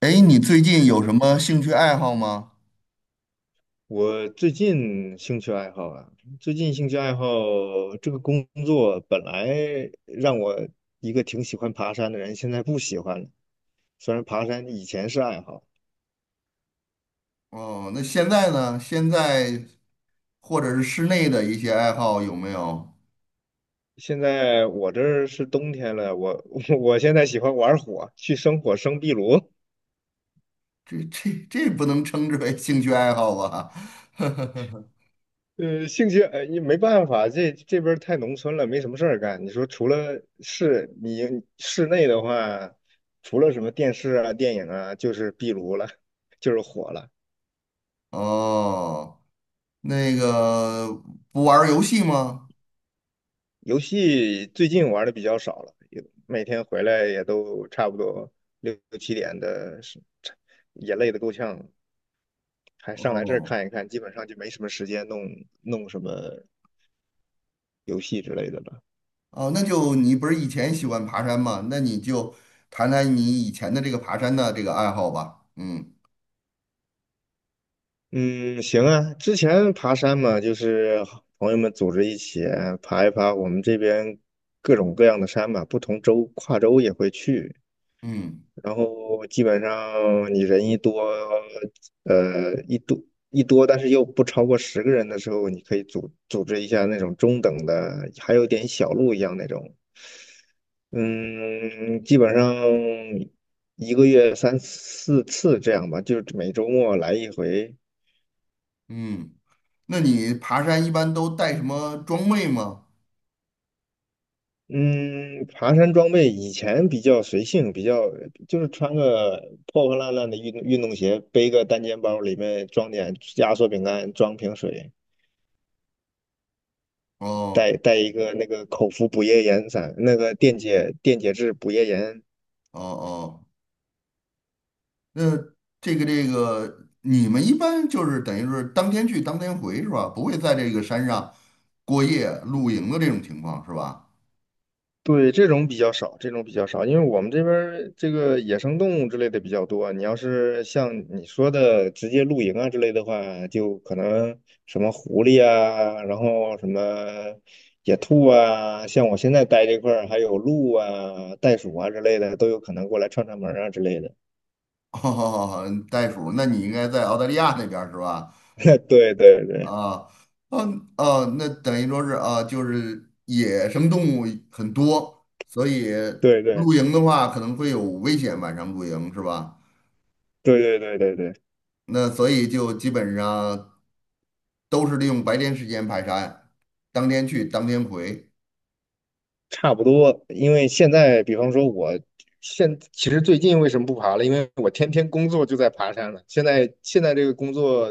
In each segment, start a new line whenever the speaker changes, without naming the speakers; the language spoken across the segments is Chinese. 哎，你最近有什么兴趣爱好吗？
我最近兴趣爱好啊，最近兴趣爱好，这个工作本来让我一个挺喜欢爬山的人，现在不喜欢了。虽然爬山以前是爱好，
哦，那现在呢？现在或者是室内的一些爱好有没有？
现在我这儿是冬天了，我 我现在喜欢玩火，去生火生壁炉。
这不能称之为兴趣爱好吧？
兴趣你没办法，这边儿太农村了，没什么事儿干。你说除了室内的话，除了什么电视啊、电影啊，就是壁炉了，就是火了。
哦，那个不玩儿游戏吗？
游戏最近玩的比较少了，也每天回来也都差不多六七点的，是也累得够呛，还上来这儿
哦
看一看，基本上就没什么时间弄什么游戏之类的了。
哦，那就你不是以前喜欢爬山吗？那你就谈谈你以前的这个爬山的这个爱好吧。嗯
嗯，行啊，之前爬山嘛，就是朋友们组织一起爬一爬我们这边各种各样的山吧，不同州跨州也会去。
嗯
然后基本上你人一多，呃，一多但是又不超过10个人的时候，你可以组织一下那种中等的，还有点小路一样那种。嗯，基本上一个月三四次这样吧，就是每周末来一回。
嗯，那你爬山一般都带什么装备吗？
嗯，爬山装备以前比较随性，比较就是穿个破破烂烂的运动鞋，背个单肩包，里面装点压缩饼干，装瓶水。
哦。
带一个那个口服补液盐散，那个电解质补液盐。
哦哦，那这个，你们一般就是等于是当天去当天回是吧？不会在这个山上过夜露营的这种情况是吧？
对，这种比较少，这种比较少，因为我们这边儿这个野生动物之类的比较多。你要是像你说的直接露营啊之类的话，就可能什么狐狸啊，然后什么野兔啊，像我现在待这块儿还有鹿啊、袋鼠啊之类的，都有可能过来串串门儿啊之类的。
哦，嗯袋鼠，那你应该在澳大利亚那边儿是吧？
对对对
啊，嗯哦，那等于说是啊，就是野生动物很多，所以
对对
露
对
营的话可能会有危险，晚上露营是吧？
对对对对对。
那所以就基本上都是利用白天时间排山，当天去当天回。
差不多，因为现在，比方说我其实最近为什么不爬了？因为我天天工作就在爬山了。现在这个工作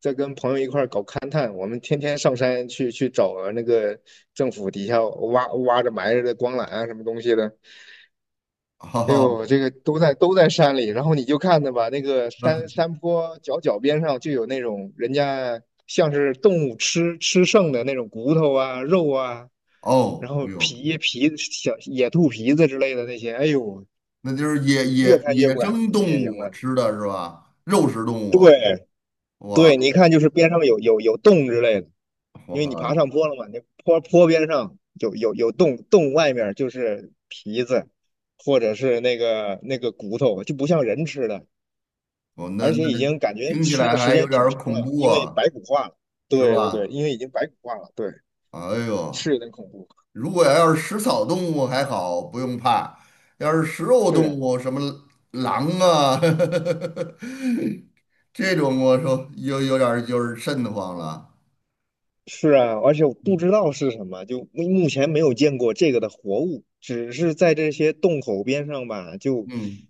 在跟朋友一块儿搞勘探，我们天天上山去找那个政府底下挖着埋着的光缆啊，什么东西的。哎
哦，
呦，这个都在山里，然后你就看着吧，那个
那
山坡脚边上就有那种人家像是动物吃剩的那种骨头啊、肉啊，然
哦，
后
哎呦，
小野兔皮子之类的那些，哎呦，
那就是野
越
野
看越
野
不敢
生
野
动
营
物
了。
吃的是吧？肉食动物，
对
哇
对，你一看就是边上有洞之类的，因为你爬
哇，
上坡了嘛，那坡边上有洞，洞外面就是皮子或者是那个骨头，就不像人吃的。
哦，那
而
那
且已
那
经感觉
听起
吃的
来
时
还有
间
点
挺
儿
长
恐
了，
怖
因为
啊，
白骨化了。
是
对对对，
吧？
因为已经白骨化了，对，
哎
是
呦，
有点恐怖。
如果要是食草动物还好，不用怕；要是食肉
是
动
啊，
物，什么狼啊，这种我说有点儿就是瘆得慌了。
是啊，而且我不
嗯，
知道是什么，就前没有见过这个的活物，只是在这些洞口边上吧，就
嗯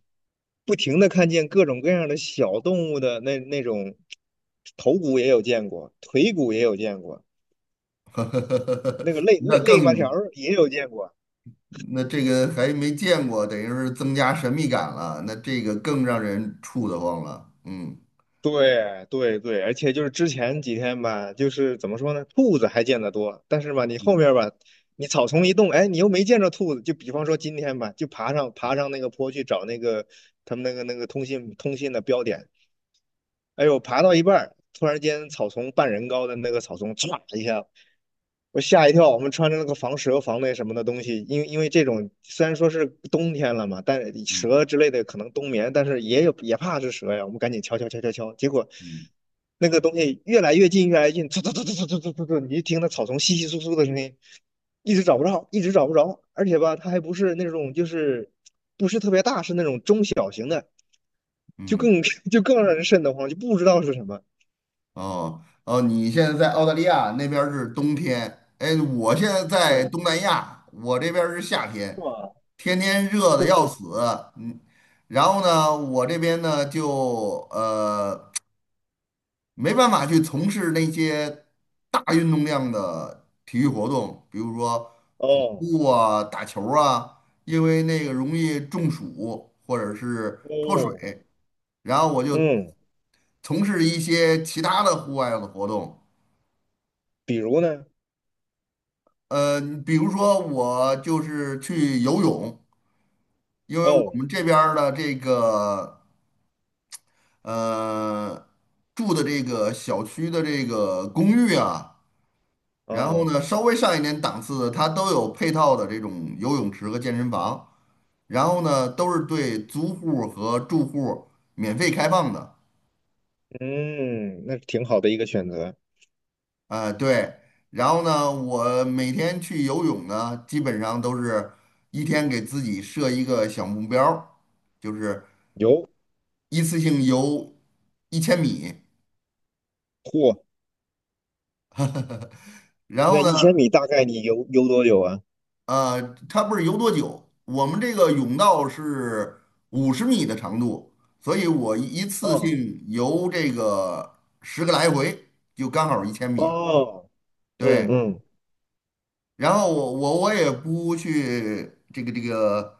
不停的看见各种各样的小动物的那种头骨也有见过，腿骨也有见过，那个肋
那
肋肋巴条
更。
儿也有见过。
那这个还没见过，等于是增加神秘感了，那这个更让人怵得慌了。嗯
对对对，而且就是之前几天吧，就是怎么说呢，兔子还见得多，但是吧，你后面吧，你草丛一动，哎，你又没见着兔子。就比方说今天吧，就爬上那个坡去找那个他们那个通信的标点，哎呦，爬到一半儿突然间草丛半人高的那个草丛，唰一下我吓一跳，我们穿着那个防蛇、防那什么的东西，因为这种虽然说是冬天了嘛，但是
嗯
蛇之类的可能冬眠，但是也有也怕是蛇呀，我们赶紧敲敲敲敲敲，结果
嗯
那个东西越来越近，越来越近，突突突突突突突突，你就听那草丛窸窸窣窣的声音，一直找不着，一直找不着，而且吧，它还不是那种就是不是特别大，是那种中小型的，就
嗯，
更 就更让人瘆得慌，就不知道是什么。
哦哦，你现在在澳大利亚那边儿是冬天，哎，我现在在
对，
东南亚，我这边儿是夏
是
天，
吧？
天天热 的要
嘿，
死，嗯，然后呢，我这边呢就呃没办法去从事那些大运动量的体育活动，比如说跑
哦，
步啊、打球儿啊，因为那个容易中暑或者是脱
哦，
水。然后我就
嗯。
从事一些其他的户外的活动，
比如呢？
呃，比如说我就是去游泳，因为我
哦，
们这边儿的这个呃住的这个小区的这个公寓啊。然后
啊，
呢，稍微上一点档次的，它都有配套的这种游泳池和健身房，然后呢，都是对租户和住户免费开放的。
嗯，那挺好的一个选择。
对，然后呢，我每天去游泳呢，基本上都是一天给自己设一个小目标儿就是
游，
一次性游一千米。
嚯，
然
那
后
一
呢，
千米大概你游多久啊？
呃，它不是游多久，我们这个甬道是50米的长度，所以我一次
哦，
性游这个10个来回就刚好一千米了。
哦，嗯
对，
嗯，
然后我也不去这个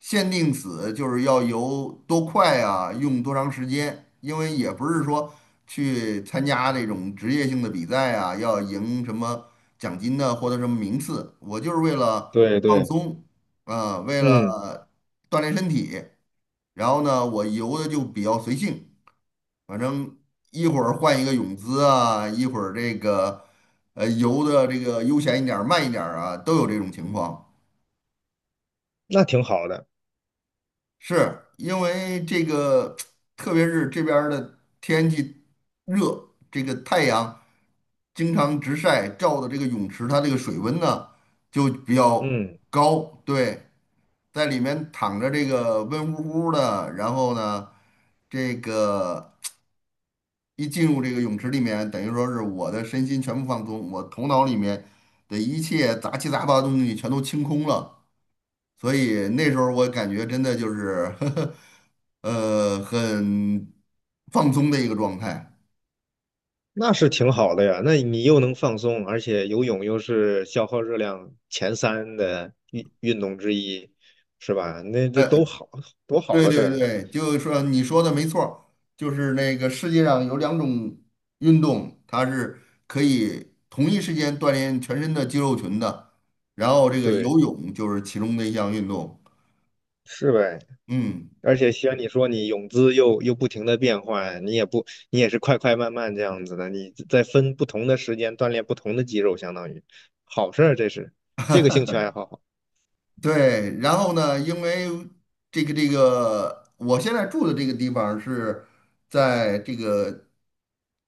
限定死，就是要游多快啊，用多长时间，因为也不是说去参加这种职业性的比赛啊，要赢什么奖金的获得什么名次，我就是为了
对
放
对，
松啊，为
嗯，
了锻炼身体，然后呢，我游的就比较随性。反正一会儿换一个泳姿啊，一会儿这个游的这个悠闲一点儿、慢一点儿啊，都有这种情况。
那挺好的，
是因为这个，特别是这边儿的天气热，这个太阳经常直晒，照的这个泳池它这个水温呢就比较
嗯，
高，对，在里面躺着这个温乎乎的，然后呢，这个。一进入这个泳池里面，等于说是我的身心全部放松，我头脑里面的一切杂七杂八的东西全都清空了。所以那时候我感觉真的就是 呵呵，很放松的一个状态。
那是挺好的呀。那你又能放松，而且游泳又是消耗热量前三的运动之一，是吧？那这
呃，
都好，多好
对
的事
对
儿。
对，就是说你说的没错儿就是那个世界上有两种运动，它是可以同一时间锻炼全身的肌肉群的，然后这个
对，
游泳就是其中的一项运动。
是呗。
嗯。
而且像你说，你泳姿又不停的变换，你也不，你也是快快慢慢这样子的，你在分不同的时间锻炼不同的肌肉，相当于好事儿，这是这个兴趣爱好
对，然后呢，因为这个，我现在住的这个地方是在这个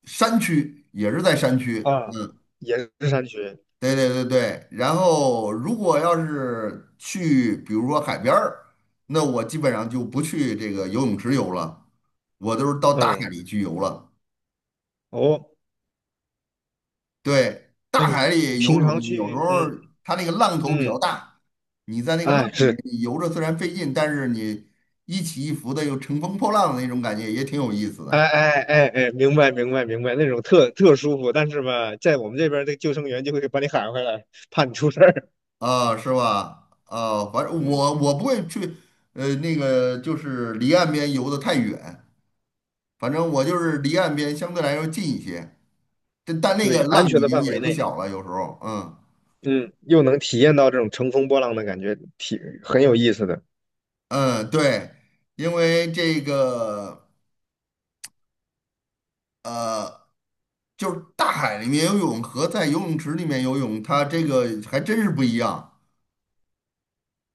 山区，也是在山区。
啊，也是山区，
对对对对，然后如果要是去，比如说海边儿，那我基本上就不去这个游泳池游了，我都是到大海
嗯，
里去游了。
哦，
对，大海里游
平常
泳有时候
去，嗯
儿它那个浪头比较
嗯，
大，你在那个浪
哎
里面
是，
你游着虽然费劲，但是你一起一伏的又乘风破浪的那种感觉也挺有意思
哎
的
哎哎哎，明白明白明白，那种特舒服，但是吧，在我们这边儿这个救生员就会把你喊回来，怕你出事儿，
啊，是吧？啊，反正
嗯，
我不会去，那个就是离岸边游的太远，反正我就是离岸边相对来说近一些，但那
对，
个
安
浪
全
已
的
经
范
也
围
不
内。
小了，有时候，嗯
嗯，又能体验到这种乘风破浪的感觉，挺很有意思的
嗯，对，因为这个。呃，就是大海里面游泳和在游泳池里面游泳，它这个还真是不一样。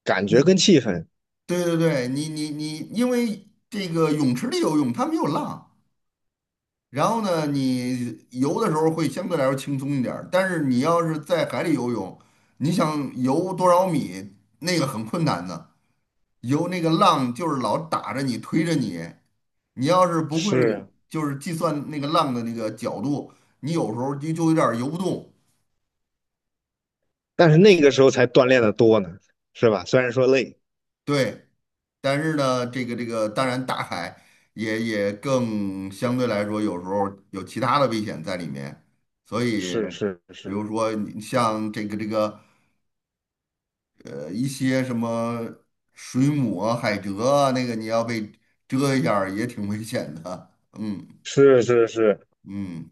感觉
你
跟气氛。
对对对，你，因为这个泳池里游泳它没有浪，然后呢，你游的时候会相对来说轻松一点儿，但是你要是在海里游泳，你想游多少米，那个很困难的，游那个浪就是老打着你推着你，你要是不会
是啊，
就是计算那个浪的那个角度，你有时候就有点儿游不动。
但是那个时候才锻炼的多呢，是吧？虽然说累，
对，但是呢，这个，当然大海也更相对来说，有时候有其他的危险在里面，所以
是是
比
是
如说你像这个一些什么水母啊、海蜇啊，那个你要被蛰一下儿也挺危险的。嗯
是是是，
嗯，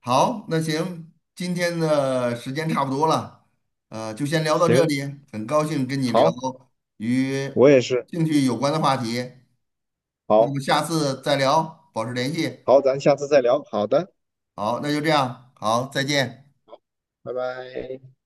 好，那行，今天的时间差不多了，就先聊到这
行，
里，很高兴跟你聊
好，
与
我也是，
兴趣有关的话题。那么
好
下次再聊，保持联系。
好，咱下次再聊。好的，
好，那就这样，好，再见。
拜拜。